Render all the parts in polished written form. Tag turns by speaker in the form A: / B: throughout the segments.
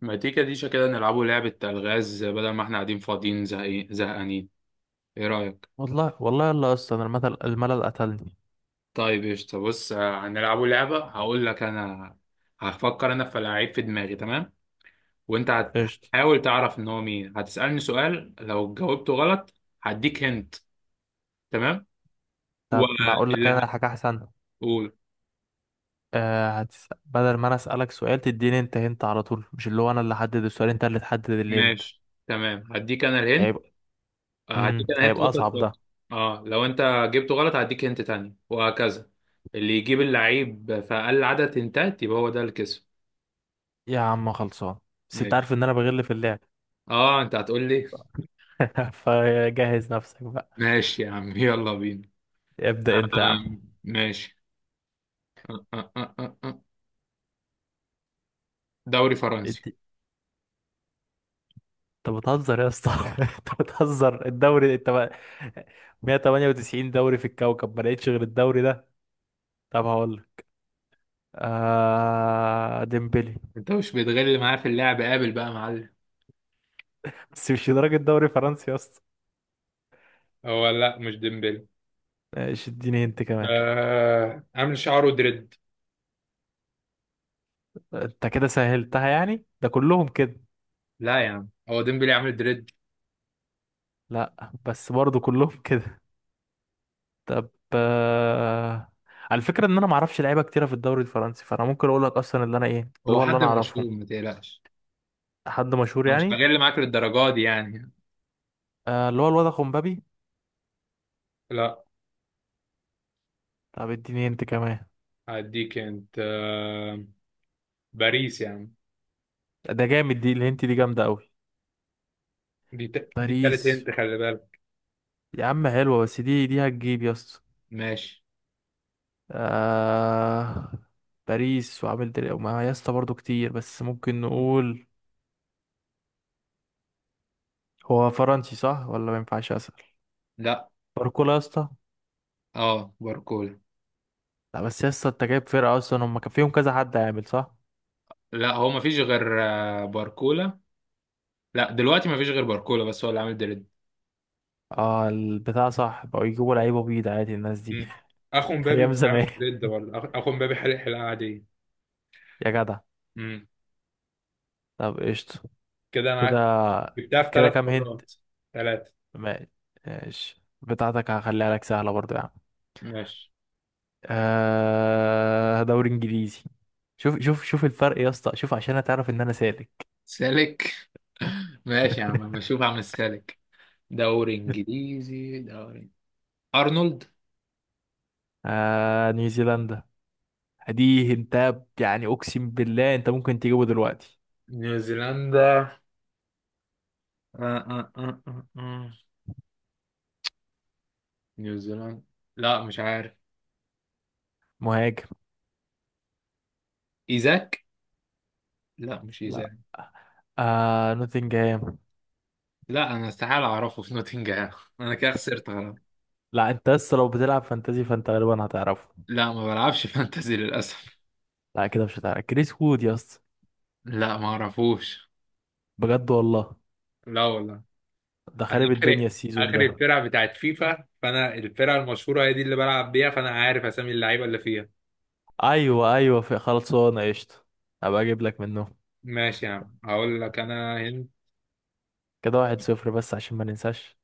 A: ما تيجي ديشة كده نلعبوا لعبة ألغاز بدل ما احنا قاعدين فاضيين زهقانين. ايه رأيك؟
B: والله والله يلا اصلا الملل الملل قتلني.
A: طيب قشطة. بص، هنلعبوا لعبة. هقول لك أنا هفكر أنا في لعيب في دماغي، تمام؟ وأنت
B: قشطة.
A: هتحاول تعرف إن هو مين. هتسألني سؤال، لو جاوبته غلط هديك هنت، تمام؟
B: طب ما اقول لك
A: واللي
B: انا حاجة احسن.
A: هقول.
B: آه، بدل ما انا اسألك سؤال تديني انت هنت على طول، مش اللي هو انا اللي احدد السؤال، انت اللي تحدد اللي هنت.
A: ماشي، تمام، هديك أنا الهنت.
B: هيبقى
A: هديك
B: امم
A: أنا هنت
B: هيبقى
A: وأنت
B: اصعب ده.
A: تفكر. اه، لو أنت جبته غلط هديك هنت تاني، وهكذا. اللي يجيب اللعيب في أقل عدد هنتات يبقى هو ده اللي كسب.
B: يا عم خلصان، بس انت
A: ماشي.
B: عارف ان انا بغل في اللعب.
A: اه، انت هتقول لي.
B: فجهز نفسك بقى.
A: ماشي يا عم، يلا بينا.
B: ابدأ انت يا عم.
A: ماشي. أه، أه، أه، أه، أه. دوري فرنسي.
B: انت انت بتهزر يا اسطى. انت بتهزر، الدوري انت بقى؟ 198 دوري في الكوكب ما لقيتش غير الدوري ده؟ طب هقول لك، آه، ديمبلي.
A: انت مش بتغل معاه في اللعب، قابل بقى يا معلم.
B: بس مش لدرجة دوري فرنسي يا اسطى.
A: هو لا، مش ديمبلي.
B: ايش، اديني انت كمان.
A: عامل شعره دريد.
B: انت كده سهلتها يعني، ده كلهم كده.
A: لا يا عم، هو ديمبلي عامل دريد.
B: لا بس برضو كلهم كده. طب، على فكرة ان انا معرفش لعيبة كتيرة في الدوري الفرنسي، فانا ممكن اقول لك اصلا اللي انا، ايه اللي
A: هو
B: هو اللي
A: حد
B: انا اعرفهم.
A: مشهور، ما تقلقش.
B: حد مشهور
A: انا مش
B: يعني؟
A: هغل معاك للدرجه دي يعني.
B: اللي هو الواد خمبابي.
A: لا،
B: طب اديني انت كمان.
A: هديك انت. باريس يعني.
B: ده جامد، دي الهنت دي جامدة قوي.
A: دي تالت،
B: باريس.
A: انت خلي بالك.
B: يا عم حلوة، بس دي هتجيب يا اسطى.
A: ماشي.
B: آه، باريس وعامل دري وما يا اسطى برضه كتير، بس ممكن نقول. هو فرنسي صح ولا ما ينفعش اسال؟
A: لا،
B: باركولا يا اسطى.
A: اه، باركولا.
B: لا بس يا اسطى انت جايب فرقه اصلا هم كان فيهم كذا حد عامل صح.
A: لا، هو ما فيش غير باركولا. لا، دلوقتي ما فيش غير باركولا، بس هو اللي عامل دريد.
B: اه البتاع صح بقوا يجيبوا لعيبه بيض عادي، الناس دي.
A: مم. اخو مبابي
B: ايام
A: مش
B: زمان.
A: عامل دريد برضه. اخو مبابي حرق حلقه عاديه.
B: يا جدع.
A: امم.
B: طب قشطه.
A: كده انا
B: كده
A: جبتها في
B: كده
A: ثلاث
B: كام هنت؟
A: مرات. ثلاثه.
B: ما- ماشي، بتاعتك هخليها لك سهله برضو يا عم.
A: ماشي،
B: آه، دوري انجليزي. شوف شوف شوف الفرق يا اسطى، شوف عشان هتعرف ان انا سالك.
A: سالك. ماشي يا عم، بشوف عم السالك. دوري انجليزي. ارنولد.
B: آه، نيوزيلندا. دي انت يعني اقسم بالله انت ممكن تجيبه دلوقتي.
A: نيوزيلندا. آه آه آه آه آه. نيوزيلاند؟ لا، مش عارف.
B: مهاجم.
A: ايزاك. لا، مش ايزاك.
B: لا. آه، نوتنجهام.
A: لا، انا استحاله اعرفه في نوتنجهام. انا كده خسرت خلاص.
B: لا انت لسه، لو بتلعب فانتازي فانت غالبا هتعرفه.
A: لا، ما بلعبش فانتزي للأسف.
B: لا كده مش هتعرف، كريس وود يا اسطى.
A: لا، ما أعرفوش.
B: بجد والله.
A: لا والله.
B: ده
A: انا
B: خارب
A: اخر
B: الدنيا السيزون
A: اخر
B: ده.
A: الفرقه بتاعت فيفا، فانا الفرقه المشهوره هي دي اللي بلعب بيها، فانا عارف اسامي اللعيبه اللي فيها.
B: ايوه ايوه، في خلاص هو، انا قشطه. هبقى اجيب لك منه.
A: ماشي يا عم، هقول لك انا. هند.
B: كده واحد صفر بس عشان ما ننساش.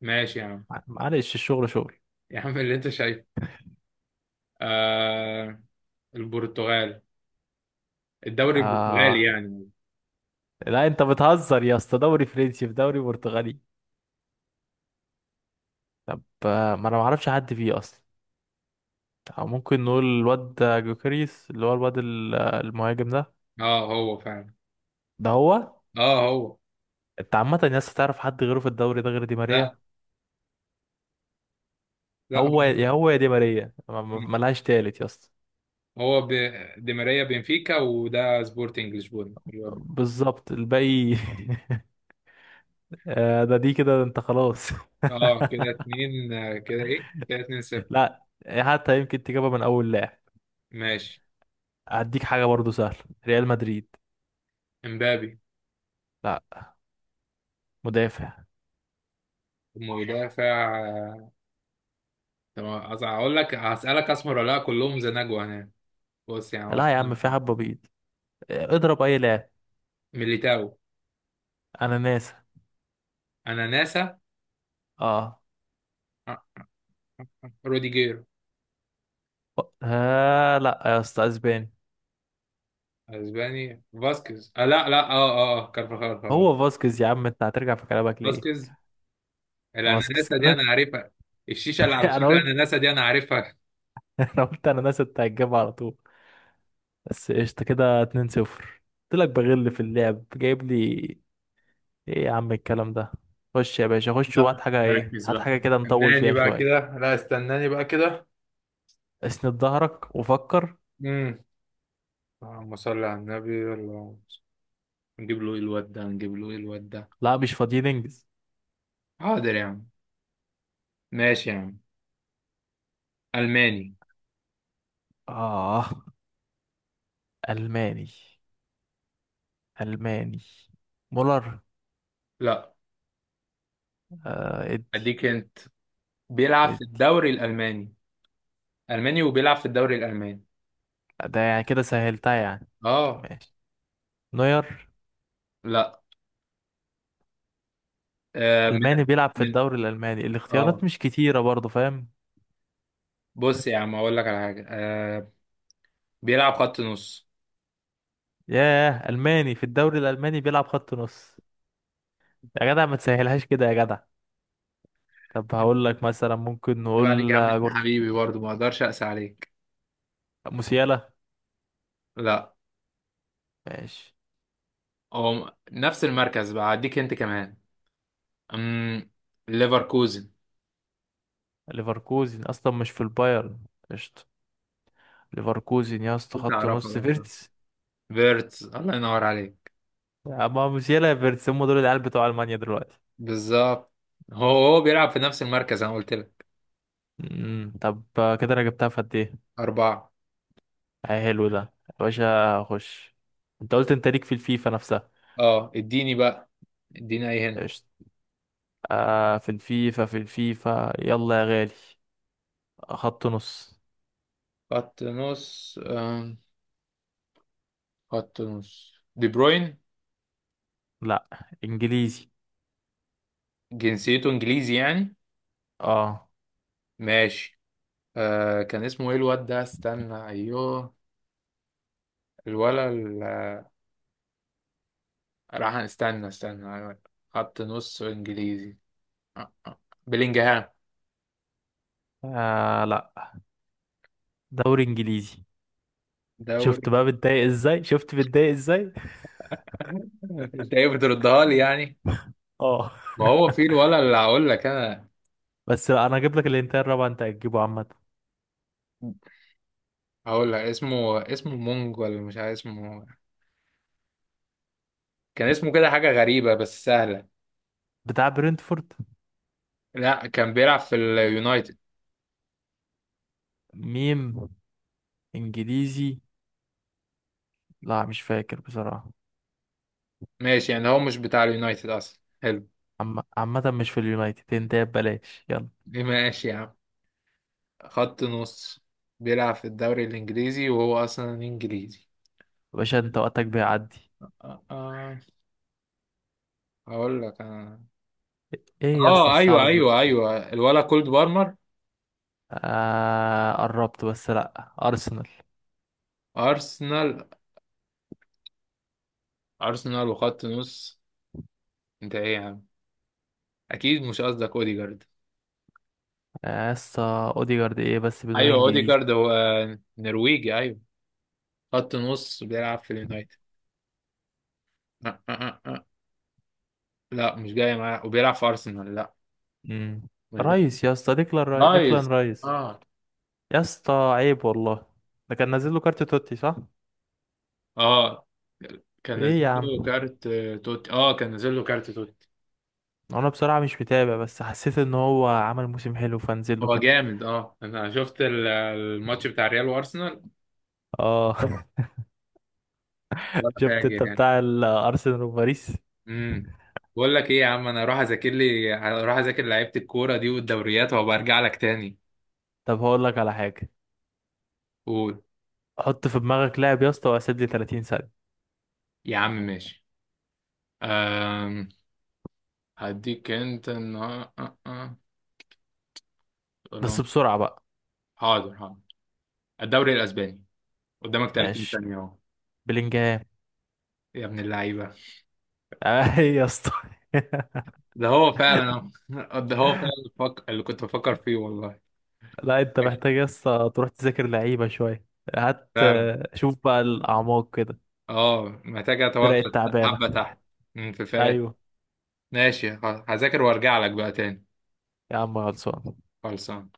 A: ماشي يا عم.
B: معلش الشغل شغل.
A: يا عم اللي انت شايفه. آه البرتغال. الدوري البرتغالي
B: آه
A: يعني.
B: لا، انت بتهزر يا اسطى، دوري فرنسي في دوري برتغالي. طب، ما انا ما اعرفش حد فيه اصلا. أو ممكن نقول الواد جوكريس، اللي هو الواد المهاجم ده.
A: اه، هو فعلا.
B: ده هو.
A: اه، هو.
B: انت عامة الناس تعرف حد غيره في الدوري ده غير دي
A: لا،
B: ماريا؟
A: لا، هو.
B: هو يا هو يا دي ماريا، ملهاش تالت يا اسطى.
A: هو ب... دي ماريا بنفيكا، وده سبورتنج لشبونه.
B: بالظبط الباقي ده دي كده انت خلاص
A: اه كده اتنين. كده ايه؟ كده اتنين صفر.
B: لا حتى يمكن تجيبها من اول لاعب.
A: ماشي.
B: هديك حاجة برضو سهلة. ريال مدريد.
A: امبابي.
B: لا. مدافع.
A: مدافع. طب هقول لك، هسألك اسمر ولا لا كلهم زناجو هنا. بص يعني هو
B: لا يا عم،
A: اسمه.
B: في حبة بيض. اضرب اي لاعب.
A: ميليتاو.
B: انا ناسا.
A: اناناسا.
B: اه.
A: آه، روديجير.
B: آه لا يا اسطى، اسباني.
A: اسباني. فاسكيز لا، لا، اه، اه، كارفاخال خلاص.
B: هو فاسكيز يا عم، انت هترجع في كلامك ليه؟
A: فاسكيز.
B: فاسكيز
A: الاناناسا دي
B: انا.
A: انا عارفها. الشيشه اللي على شكل
B: انا قلت.
A: الاناناسا دي انا عارفها.
B: انا قلت انا ناس انت هتجيبها على طول. بس قشطه كده 2-0. قلت لك بغل في اللعب، جايب لي ايه يا عم الكلام ده. خش يا باشا، خش
A: لا،
B: وهات حاجه، ايه
A: مركز
B: هات
A: بقى.
B: حاجه كده نطول
A: استناني
B: فيها
A: بقى
B: شويه.
A: كده. لا، استناني بقى كده.
B: اسند ظهرك وفكر.
A: امم. اللهم صل على النبي. اللهم. نجيب له ايه الواد ده؟ نجيب له ايه الواد ده؟
B: لا مش فاضيين، انجز.
A: حاضر يا عم. ماشي يا عم. الماني.
B: اه الماني. الماني. مولر.
A: لا.
B: آه ادي.
A: اديك انت. بيلعب في
B: ادي.
A: الدوري الالماني. الماني وبيلعب في الدوري الالماني.
B: ده يعني كده سهلتها يعني.
A: اه.
B: ماشي. نوير.
A: لا. من؟
B: ألماني بيلعب في
A: من؟
B: الدوري الألماني،
A: اه.
B: الاختيارات مش كتيرة برضه، فاهم؟
A: بص يا عم اقول لك على حاجه. بيلعب خط نص.
B: ياه، ألماني في الدوري الألماني بيلعب خط نص. يا جدع ما تسهلهاش كده يا جدع. طب هقول لك مثلا، ممكن
A: عيب عليك يا
B: نقول،
A: عم، انت
B: جورت.
A: حبيبي برضه، ما اقدرش اقسى عليك.
B: موسيالا.
A: لا.
B: ماشي.
A: هو نفس المركز بقى، هديك انت كمان. امم. ليفركوزن.
B: ليفركوزن أصلا مش في البايرن. قشطة. ليفركوزن يا اسطى،
A: كنت
B: خط
A: اعرفها
B: نص،
A: برضه.
B: فيرتس.
A: فيرتس، الله ينور عليك.
B: أما موسيالا يا فيرتس هم دول العيال بتوع ألمانيا دلوقتي.
A: بالظبط. هو بيلعب في نفس المركز، انا قلت لك.
B: طب، كده أنا جبتها في قد إيه؟
A: أربعة.
B: حلو ده. يا باشا خش. أنت قلت أنت ليك في الفيفا نفسها.
A: اه، اديني بقى. اديني اي هنا.
B: قشطة. في الفيفا، في الفيفا يلا يا غالي. خط نص.
A: خط نص. آم، خط نص. بروين.
B: لا. انجليزي.
A: جنسيته انجليزي يعني؟
B: اه.
A: ماشي. كان اسمه ايه الواد ده؟ استنى، ايوه. الولا راح. استنى، استنى، أيوة. خط نص، انجليزي. آه، آه. بلينجهام.
B: آه لا، دوري انجليزي.
A: دوري.
B: شفت بقى بتضايق ازاي، شفت بتضايق ازاي.
A: انت ايه بتردها لي يعني؟
B: اه.
A: ما هو في الولا اللي هقول لك انا.
B: بس لا، انا هجيب لك الانتاير الرابع انت هتجيبه عامه.
A: هقول لك اسمه مونج ولا مش عارف اسمه. كان اسمه كده حاجة غريبة بس سهلة.
B: بتاع برينتفورد.
A: لا، كان بيلعب في اليونايتد.
B: ميم. انجليزي. لا مش فاكر بصراحه.
A: ماشي يعني، هو مش بتاع اليونايتد أصلا، حلو.
B: عامه مش في اليونايتد، انت ببلاش، يلا.
A: ماشي يا عم. خط نص. بيلعب في الدوري الإنجليزي وهو أصلا إنجليزي.
B: يا باشا انت وقتك بيعدي.
A: آه، آه، هقول لك أنا.
B: ايه يا اسطى الصعب
A: أيوه، أيوه، أيوه، الولا كولد بارمر.
B: آه قربت، بس لا، ارسنال.
A: أرسنال؟ أرسنال وخط نص. أنت إيه يا عم؟ أكيد مش قصدك أوديجارد؟
B: يا اسطى، اوديجارد ايه بس بنقول
A: أيوه،
B: انجليزي.
A: أوديجارد هو. نرويجي، أيوه. خط نص بيلعب في اليونايتد. أه أه أه. أه. لا، مش جاي معاه وبيلعب في ارسنال، لا.
B: امم.
A: مش جاي.
B: رايس يا اسطى، ديكلان
A: نايس.
B: رايس.
A: اه
B: يا اسطى عيب والله. ده كان نازل له كارت توتي صح؟
A: اه. كان
B: ايه
A: نازل
B: يا
A: له
B: عم.
A: كارت توتي. اه، كان نازل له كارت توتي.
B: انا بصراحة مش متابع، بس حسيت ان هو عمل موسم حلو فنزل له
A: هو
B: كان.
A: جامد. اه، انا شفت الماتش بتاع ريال وارسنال.
B: اه
A: ولا
B: شفت انت
A: فاجر يعني.
B: بتاع الارسنال وباريس.
A: امم. بقول لك ايه يا عم، انا اروح اذاكر لعيبه الكوره دي والدوريات، وابقى ارجع لك تاني.
B: طب هقول لك على حاجة.
A: قول.
B: حط في دماغك لاعب يا اسطى واسيب لي 30 ثانية.
A: يا عم ماشي. أم... هديك انت النهار- أه أه.
B: بس بسرعة بقى.
A: حاضر، حاضر. الدوري الاسباني. قدامك 30
B: ماشي.
A: ثانية اهو.
B: بلينجهام.
A: يا ابن اللعيبة.
B: اي يا اسطى.
A: ده هو فعلا. اهو، ده هو فعلا. اللي كنت بفكر فيه والله.
B: لا انت
A: ماشي.
B: محتاج بس تروح تذاكر لعيبة شوية. هات،
A: فعلا.
B: شوف بقى الأعماق كده.
A: اه، محتاج اتوقع.
B: الفرق التعبانة.
A: حبة تحت. مم، في فرق.
B: أيوة.
A: ماشي خلاص. هذاكر وارجع لك بقى تاني.
B: يا عم خلصان.
A: خلصان